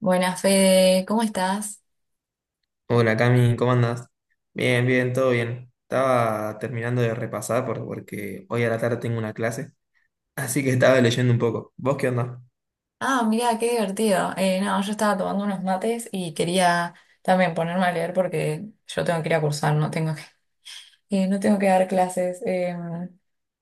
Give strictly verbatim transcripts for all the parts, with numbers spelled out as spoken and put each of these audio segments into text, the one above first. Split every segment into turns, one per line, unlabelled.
Buenas, Fede, ¿cómo estás?
Hola Cami, ¿cómo andas? Bien, bien, todo bien. Estaba terminando de repasar por- porque hoy a la tarde tengo una clase, así que estaba leyendo un poco. ¿Vos qué onda?
Ah, mira, qué divertido. Eh, no, yo estaba tomando unos mates y quería también ponerme a leer porque yo tengo que ir a cursar, no tengo que, eh, no tengo que dar clases. em,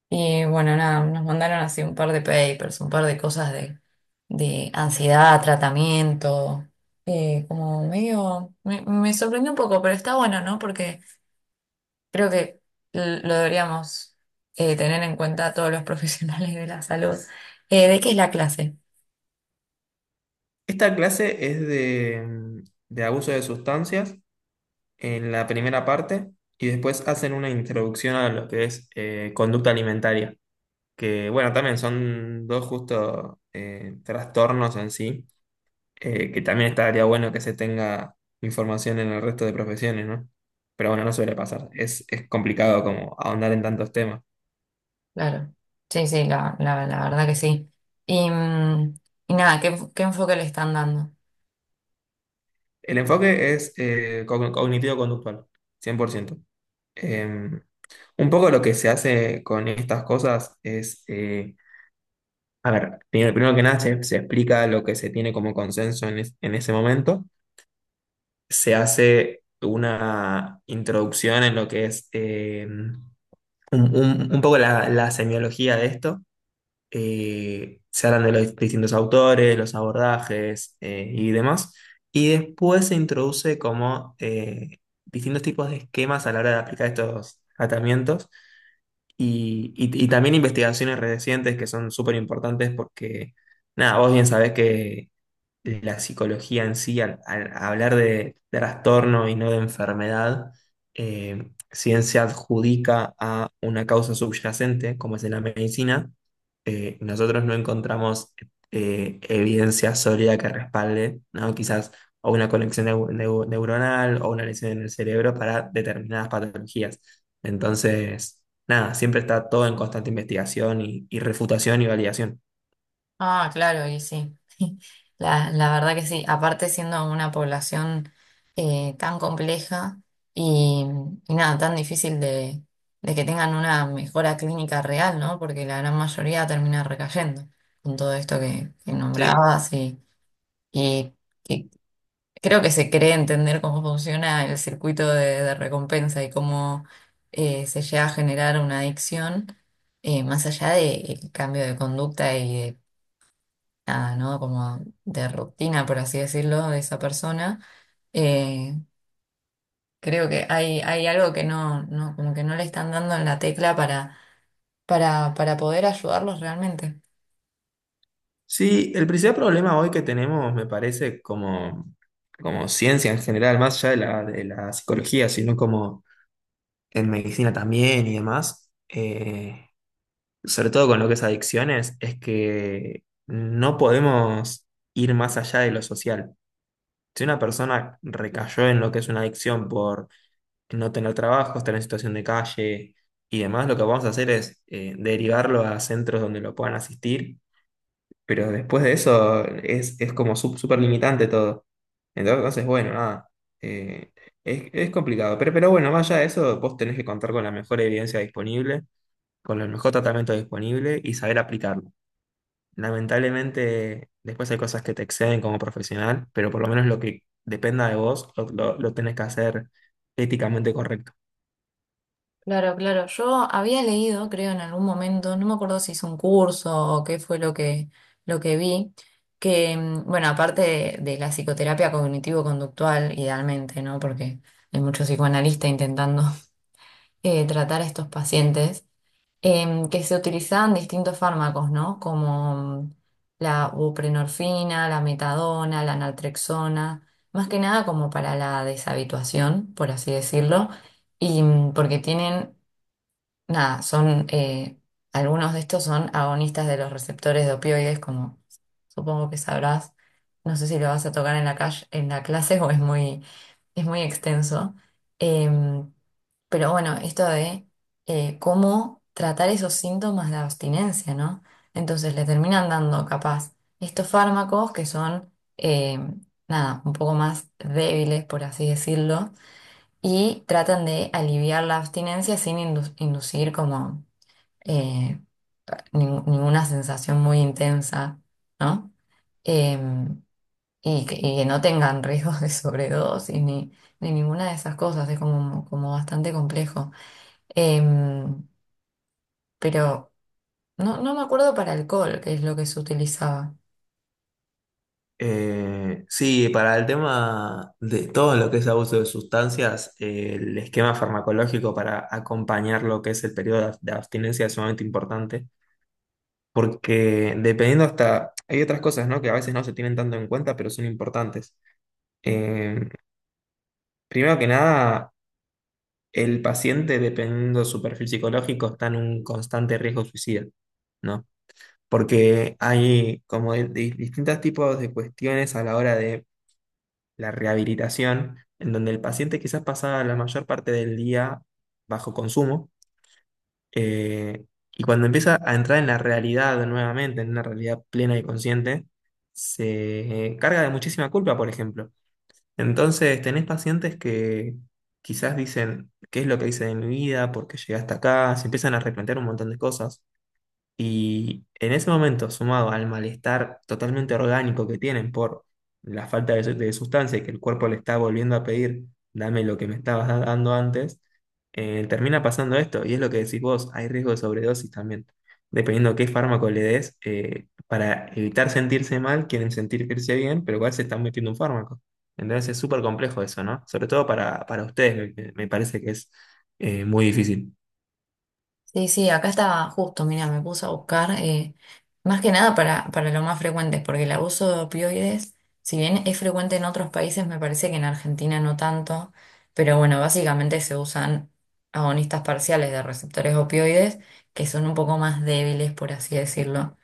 y bueno, nada, nos mandaron así un par de papers, un par de cosas de, de ansiedad, tratamiento, eh, como medio, me, me sorprendió un poco, pero está bueno, ¿no? Porque creo que l- lo deberíamos eh, tener en cuenta todos los profesionales de la salud. Eh, ¿de qué es la clase?
Esta clase es de, mm, de abuso de sustancias en la primera parte y después hacen una introducción a lo que es eh, conducta alimentaria, que bueno, también son dos justo eh, trastornos en sí eh, que también estaría bueno que se tenga información en el resto de profesiones, ¿no? Pero bueno, no suele pasar. Es, es complicado como ahondar en tantos temas.
Claro, sí, sí, la, la, la verdad que sí. Y, mm, y nada, ¿qué, qué enfoque le están dando?
El enfoque es eh, cogn- cognitivo-conductual, cien por ciento. Eh, un poco lo que se hace con estas cosas es, eh, a ver, primero, primero que nada se, se explica lo que se tiene como consenso en, es- en ese momento. Se hace una introducción en lo que es eh, un, un- un poco la la semiología de esto, eh, se hablan de los distintos autores, los abordajes eh, y demás, y después se introduce como eh, distintos tipos de esquemas a la hora de aplicar estos tratamientos y, y- y también investigaciones recientes que son súper importantes porque, nada, vos bien sabés que la psicología en sí, al, al hablar de trastorno y no de enfermedad, eh, si bien se adjudica a una causa subyacente, como es en la medicina, eh, nosotros no encontramos eh, evidencia sólida que respalde, ¿no? Quizás o una conexión neu- neu- neuronal o una lesión en el cerebro para determinadas patologías. Entonces, nada, siempre está todo en constante investigación y y refutación y validación.
Ah, claro, y sí, la, la verdad que sí. Aparte siendo una población eh, tan compleja y, y nada, tan difícil de, de que tengan una mejora clínica real, ¿no? Porque la gran mayoría termina recayendo con todo esto que, que
Sí.
nombrabas y, y Creo que se cree entender cómo funciona el circuito de, de recompensa y cómo eh, se llega a generar una adicción, eh, más allá del cambio de conducta y de, nada, ¿no? Como de rutina, por así decirlo, de esa persona. Eh, creo que hay, hay algo que no, no, como que no le están dando en la tecla para, para, para poder ayudarlos realmente.
Sí, el principal problema hoy que tenemos, me parece, como, como ciencia en general, más allá de la, de la psicología, sino como en medicina también y demás, eh, sobre todo con lo que es adicciones, es que no podemos ir más allá de lo social. Si una persona recayó en lo que es una adicción por no tener trabajo, estar en situación de calle y demás, lo que vamos a hacer es eh, derivarlo a centros donde lo puedan asistir, pero después de eso es, es como sup- súper limitante todo. Entonces, bueno, nada. eh, es, es complicado. Pero, pero bueno, más allá de eso, vos tenés que contar con la mejor evidencia disponible, con el mejor tratamiento disponible y saber aplicarlo. Lamentablemente, después hay cosas que te exceden como profesional, pero por lo menos lo que dependa de vos lo, lo lo tenés que hacer éticamente correcto.
Claro, claro. Yo había leído, creo, en algún momento, no me acuerdo si hice un curso o qué fue lo que, lo que vi, que, mm, bueno, aparte de, de la psicoterapia cognitivo-conductual, idealmente, ¿no? Porque hay muchos psicoanalistas intentando eh, tratar a estos pacientes, em, que se utilizaban distintos fármacos, ¿no? Como mm, la buprenorfina, la metadona, la naltrexona, más que nada como para la deshabituación, por así decirlo, y mm, porque tienen nada, son, eh, algunos de estos son agonistas de los receptores de opioides, como supongo que sabrás. No sé si lo vas a tocar en la calle, en la clase o es muy, es muy extenso. Em, pero bueno, esto de eh, cómo tratar esos síntomas de abstinencia, ¿no? Entonces le terminan dando capaz estos fármacos que son, em, nada, un poco más débiles, por así decirlo, y tratan de aliviar la abstinencia sin indu- inducir como eh, nin- ninguna sensación muy intensa, ¿no? Em, y, que y que no tengan riesgos de sobredosis ni, ni ninguna de esas cosas, es como, como bastante complejo. Em, pero no, no me acuerdo para alcohol, que es lo que se utilizaba.
Eh, sí, para el tema de todo lo que es abuso de sustancias, eh, el esquema farmacológico para acompañar lo que es el periodo de ab- de abstinencia es sumamente importante, porque dependiendo hasta, hay otras cosas, ¿no? Que a veces no se tienen tanto en cuenta, pero son importantes. Eh, Primero que nada, el paciente, dependiendo de su perfil psicológico, está en un constante riesgo suicida, ¿no? Porque hay como de- de distintos tipos de cuestiones a la hora de la rehabilitación, en donde el paciente quizás pasaba la mayor parte del día bajo consumo, eh, y cuando empieza a entrar en la realidad nuevamente, en una realidad plena y consciente, se carga de muchísima culpa, por ejemplo. Entonces, tenés pacientes que quizás dicen, ¿qué es lo que hice de mi vida? ¿Por qué llegué hasta acá? Se empiezan a replantear un montón de cosas. Y en ese momento, sumado al malestar totalmente orgánico que tienen por la falta de, su- de sustancia y que el cuerpo le está volviendo a pedir, dame lo que me estabas da- dando antes, eh, termina pasando esto. Y es lo que decís vos, hay riesgo de sobredosis también. Dependiendo qué fármaco le des, eh, para evitar sentirse mal, quieren sentirse bien, pero igual se están metiendo un fármaco. Entonces es súper complejo eso, ¿no? Sobre todo para, para ustedes, me, me- parece que es eh, muy difícil.
Sí, sí, acá estaba justo, mira, me puse a buscar, eh, más que nada para, para lo más frecuente, porque el abuso de opioides, si bien es frecuente en otros países, me parece que en Argentina no tanto, pero bueno, básicamente se usan agonistas parciales de receptores opioides, que son un poco más débiles, por así decirlo.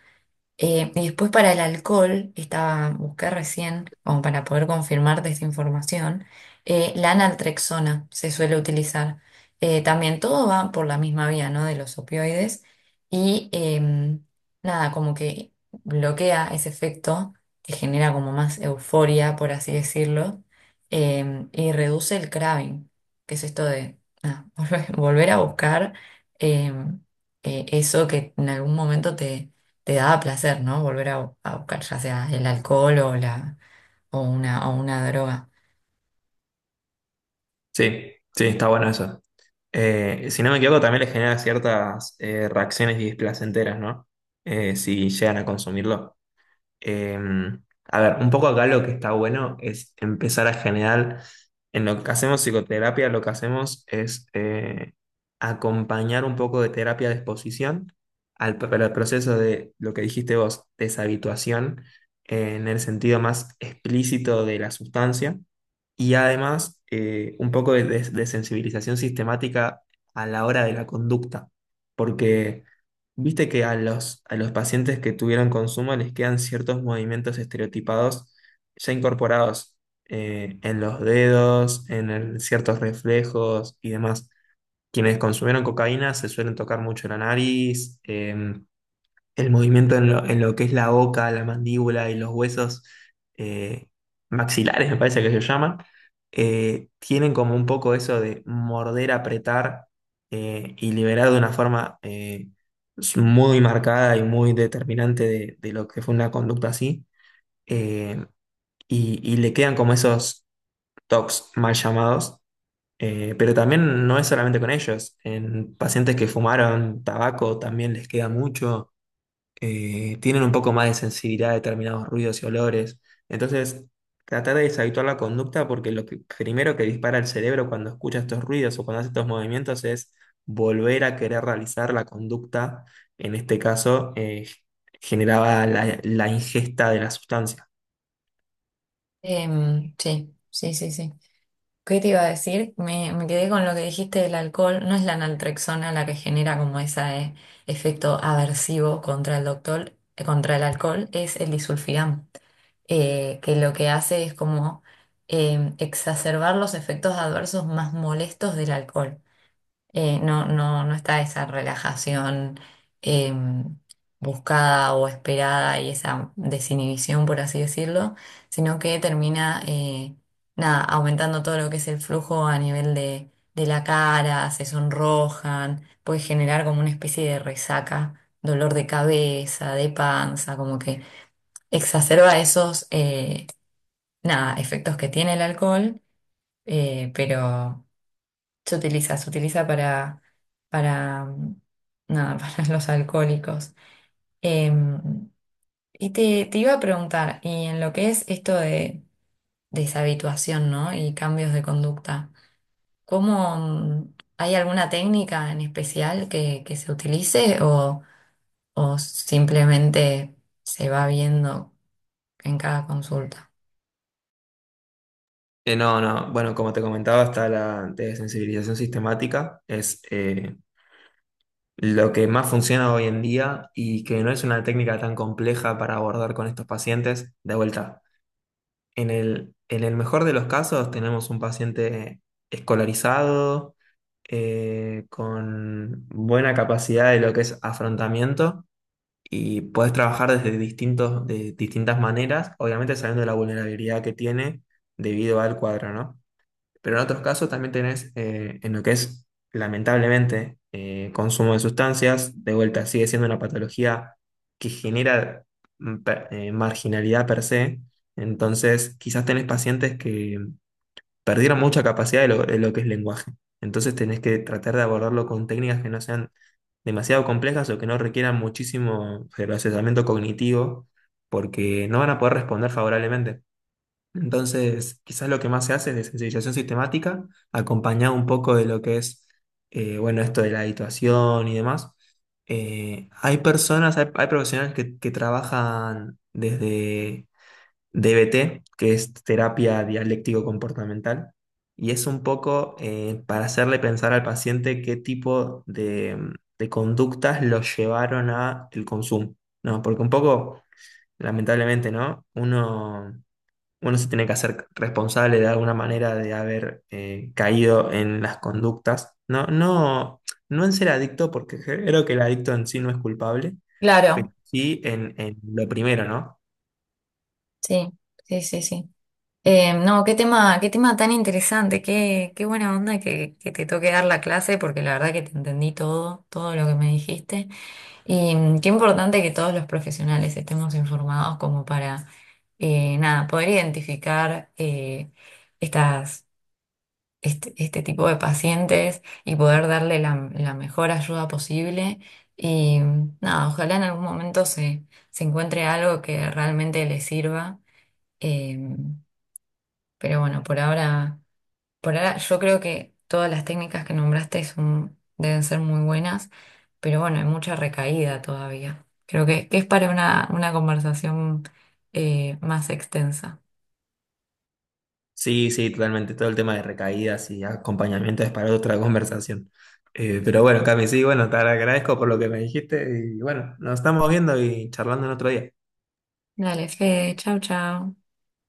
Eh, y después para el alcohol, estaba, busqué recién, como para poder confirmarte esta información, eh, la naltrexona se suele utilizar. Eh, también todo va por la misma vía, ¿no? De los opioides. Y em, nada, como que bloquea ese efecto que genera como más euforia, por así decirlo, em, y reduce el craving, que es esto de nada, volver volver a buscar em, eh, eso que en algún momento te te daba placer, ¿no? Volver a, bu- a buscar ya sea el alcohol o, la, o, una, o una droga.
Sí, sí, está bueno eso. Eh, si no me equivoco, también les genera ciertas eh, reacciones displacenteras, ¿no? Eh, si llegan a consumirlo. Eh, a ver, un poco acá lo que está bueno es empezar a generar, en lo que hacemos psicoterapia, lo que hacemos es eh, acompañar un poco de terapia de exposición al, pro- al proceso de lo que dijiste vos, deshabituación, eh, en el sentido más explícito de la sustancia, y además eh, un poco de, de de sensibilización sistemática a la hora de la conducta, porque... Viste que a los, a los pacientes que tuvieron consumo les quedan ciertos movimientos estereotipados ya incorporados, eh, en los dedos, en el- ciertos reflejos y demás. Quienes consumieron cocaína se suelen tocar mucho la nariz, em, el movimiento en lo, en lo que es la boca, la mandíbula y los huesos eh, maxilares, me parece que se llaman, eh, tienen como un poco eso de morder, apretar eh, y liberar de una forma eh, muy marcada y muy determinante de, de lo que fue una conducta así. Eh, y, y le quedan como esos tocs mal llamados. Eh, pero también no es solamente con ellos. En pacientes que fumaron tabaco también les queda mucho, eh, tienen un poco más de sensibilidad a determinados ruidos y olores. Entonces, tratar de deshabituar la conducta, porque lo que, primero que dispara el cerebro cuando escucha estos ruidos o cuando hace estos movimientos es volver a querer realizar la conducta, en este caso, eh, generaba la, la ingesta de la sustancia.
Em, sí, sí, sí, sí. ¿Qué te iba a decir? Me, me quedé con lo que dijiste del alcohol. No es la naltrexona la que genera como ese efecto aversivo contra el doctor, eh, contra el alcohol, es el disulfiram, eh, que lo que hace es como em, exacerbar los efectos adversos más molestos del alcohol. Eh, no, no, no está esa relajación eh, buscada o esperada y esa desinhibición, por así decirlo, sino que termina eh, nada, aumentando todo lo que es el flujo a nivel de, de la cara, se sonrojan, puede generar como una especie de resaca, dolor de cabeza, de panza, como que exacerba esos eh, nada, efectos que tiene el alcohol, eh, pero. Se utiliza, se utiliza para, para, mm, nada, para los alcohólicos. Em, y te, te iba a preguntar, y en lo que es esto de deshabituación, ¿no? Y cambios de conducta, ¿cómo, mm, hay alguna técnica en especial que, que se utilice o, o simplemente se va viendo en cada consulta?
Eh, no, no, bueno, como te comentaba, está la desensibilización sistemática, es eh, lo que más funciona hoy en día y que no es una técnica tan compleja para abordar con estos pacientes. De vuelta, en el, en el mejor de los casos tenemos un paciente escolarizado, eh, con buena capacidad de lo que es afrontamiento y puedes trabajar desde distintos, de distintas maneras, obviamente sabiendo la vulnerabilidad que tiene debido al cuadro, ¿no? Pero en otros casos también tenés eh, en lo que es, lamentablemente, eh, consumo de sustancias, de vuelta sigue siendo una patología que genera mm, per- eh, marginalidad per se. Entonces, quizás tenés pacientes que perdieron mucha capacidad de lo, de lo que es lenguaje. Entonces, tenés que tratar de abordarlo con técnicas que no sean demasiado complejas o que no requieran muchísimo procesamiento cognitivo, porque no van a poder responder favorablemente. Entonces, quizás lo que más se hace es de sensibilización sistemática, acompañado un poco de lo que es, eh, bueno, esto de la habituación y demás. Eh, hay personas, hay, hay profesionales que, que trabajan desde D B T, que es terapia dialéctico-comportamental, y es un poco eh, para hacerle pensar al paciente qué tipo de, mm, de conductas lo llevaron a el consumo, ¿no? Porque un poco, lamentablemente, ¿no? Uno uno se tiene que hacer responsable de alguna manera de haber eh, caído en las conductas. No, no, no en ser adicto, porque creo que el adicto en sí no es culpable, pero
Claro,
sí en, en lo primero, ¿no?
sí, sí, sí, sí. Eh, no, qué tema, qué tema tan interesante, qué, qué buena onda que, que te toque dar la clase, porque la verdad que te entendí todo, todo lo que me dijiste. Y mm, qué importante que todos los profesionales estemos informados como para, eh, nada, poder identificar eh, estas, este, este tipo de pacientes y poder darle la, la mejor ayuda posible. Y mm, nada, ojalá en algún momento se, se encuentre algo que realmente les sirva. Em, pero bueno, por ahora... Por ahora, yo creo que todas las técnicas que nombraste son- deben ser muy buenas, pero bueno, hay mucha recaída todavía. Creo que, que es para una, una conversación eh, más extensa.
Sí, sí, totalmente. Todo el tema de recaídas y acompañamiento es para otra conversación. Eh, pero bueno, Cami, sí, bueno, te agradezco por lo que me dijiste y bueno, nos estamos viendo y charlando en otro día.
Dale, Fede, chau, chau.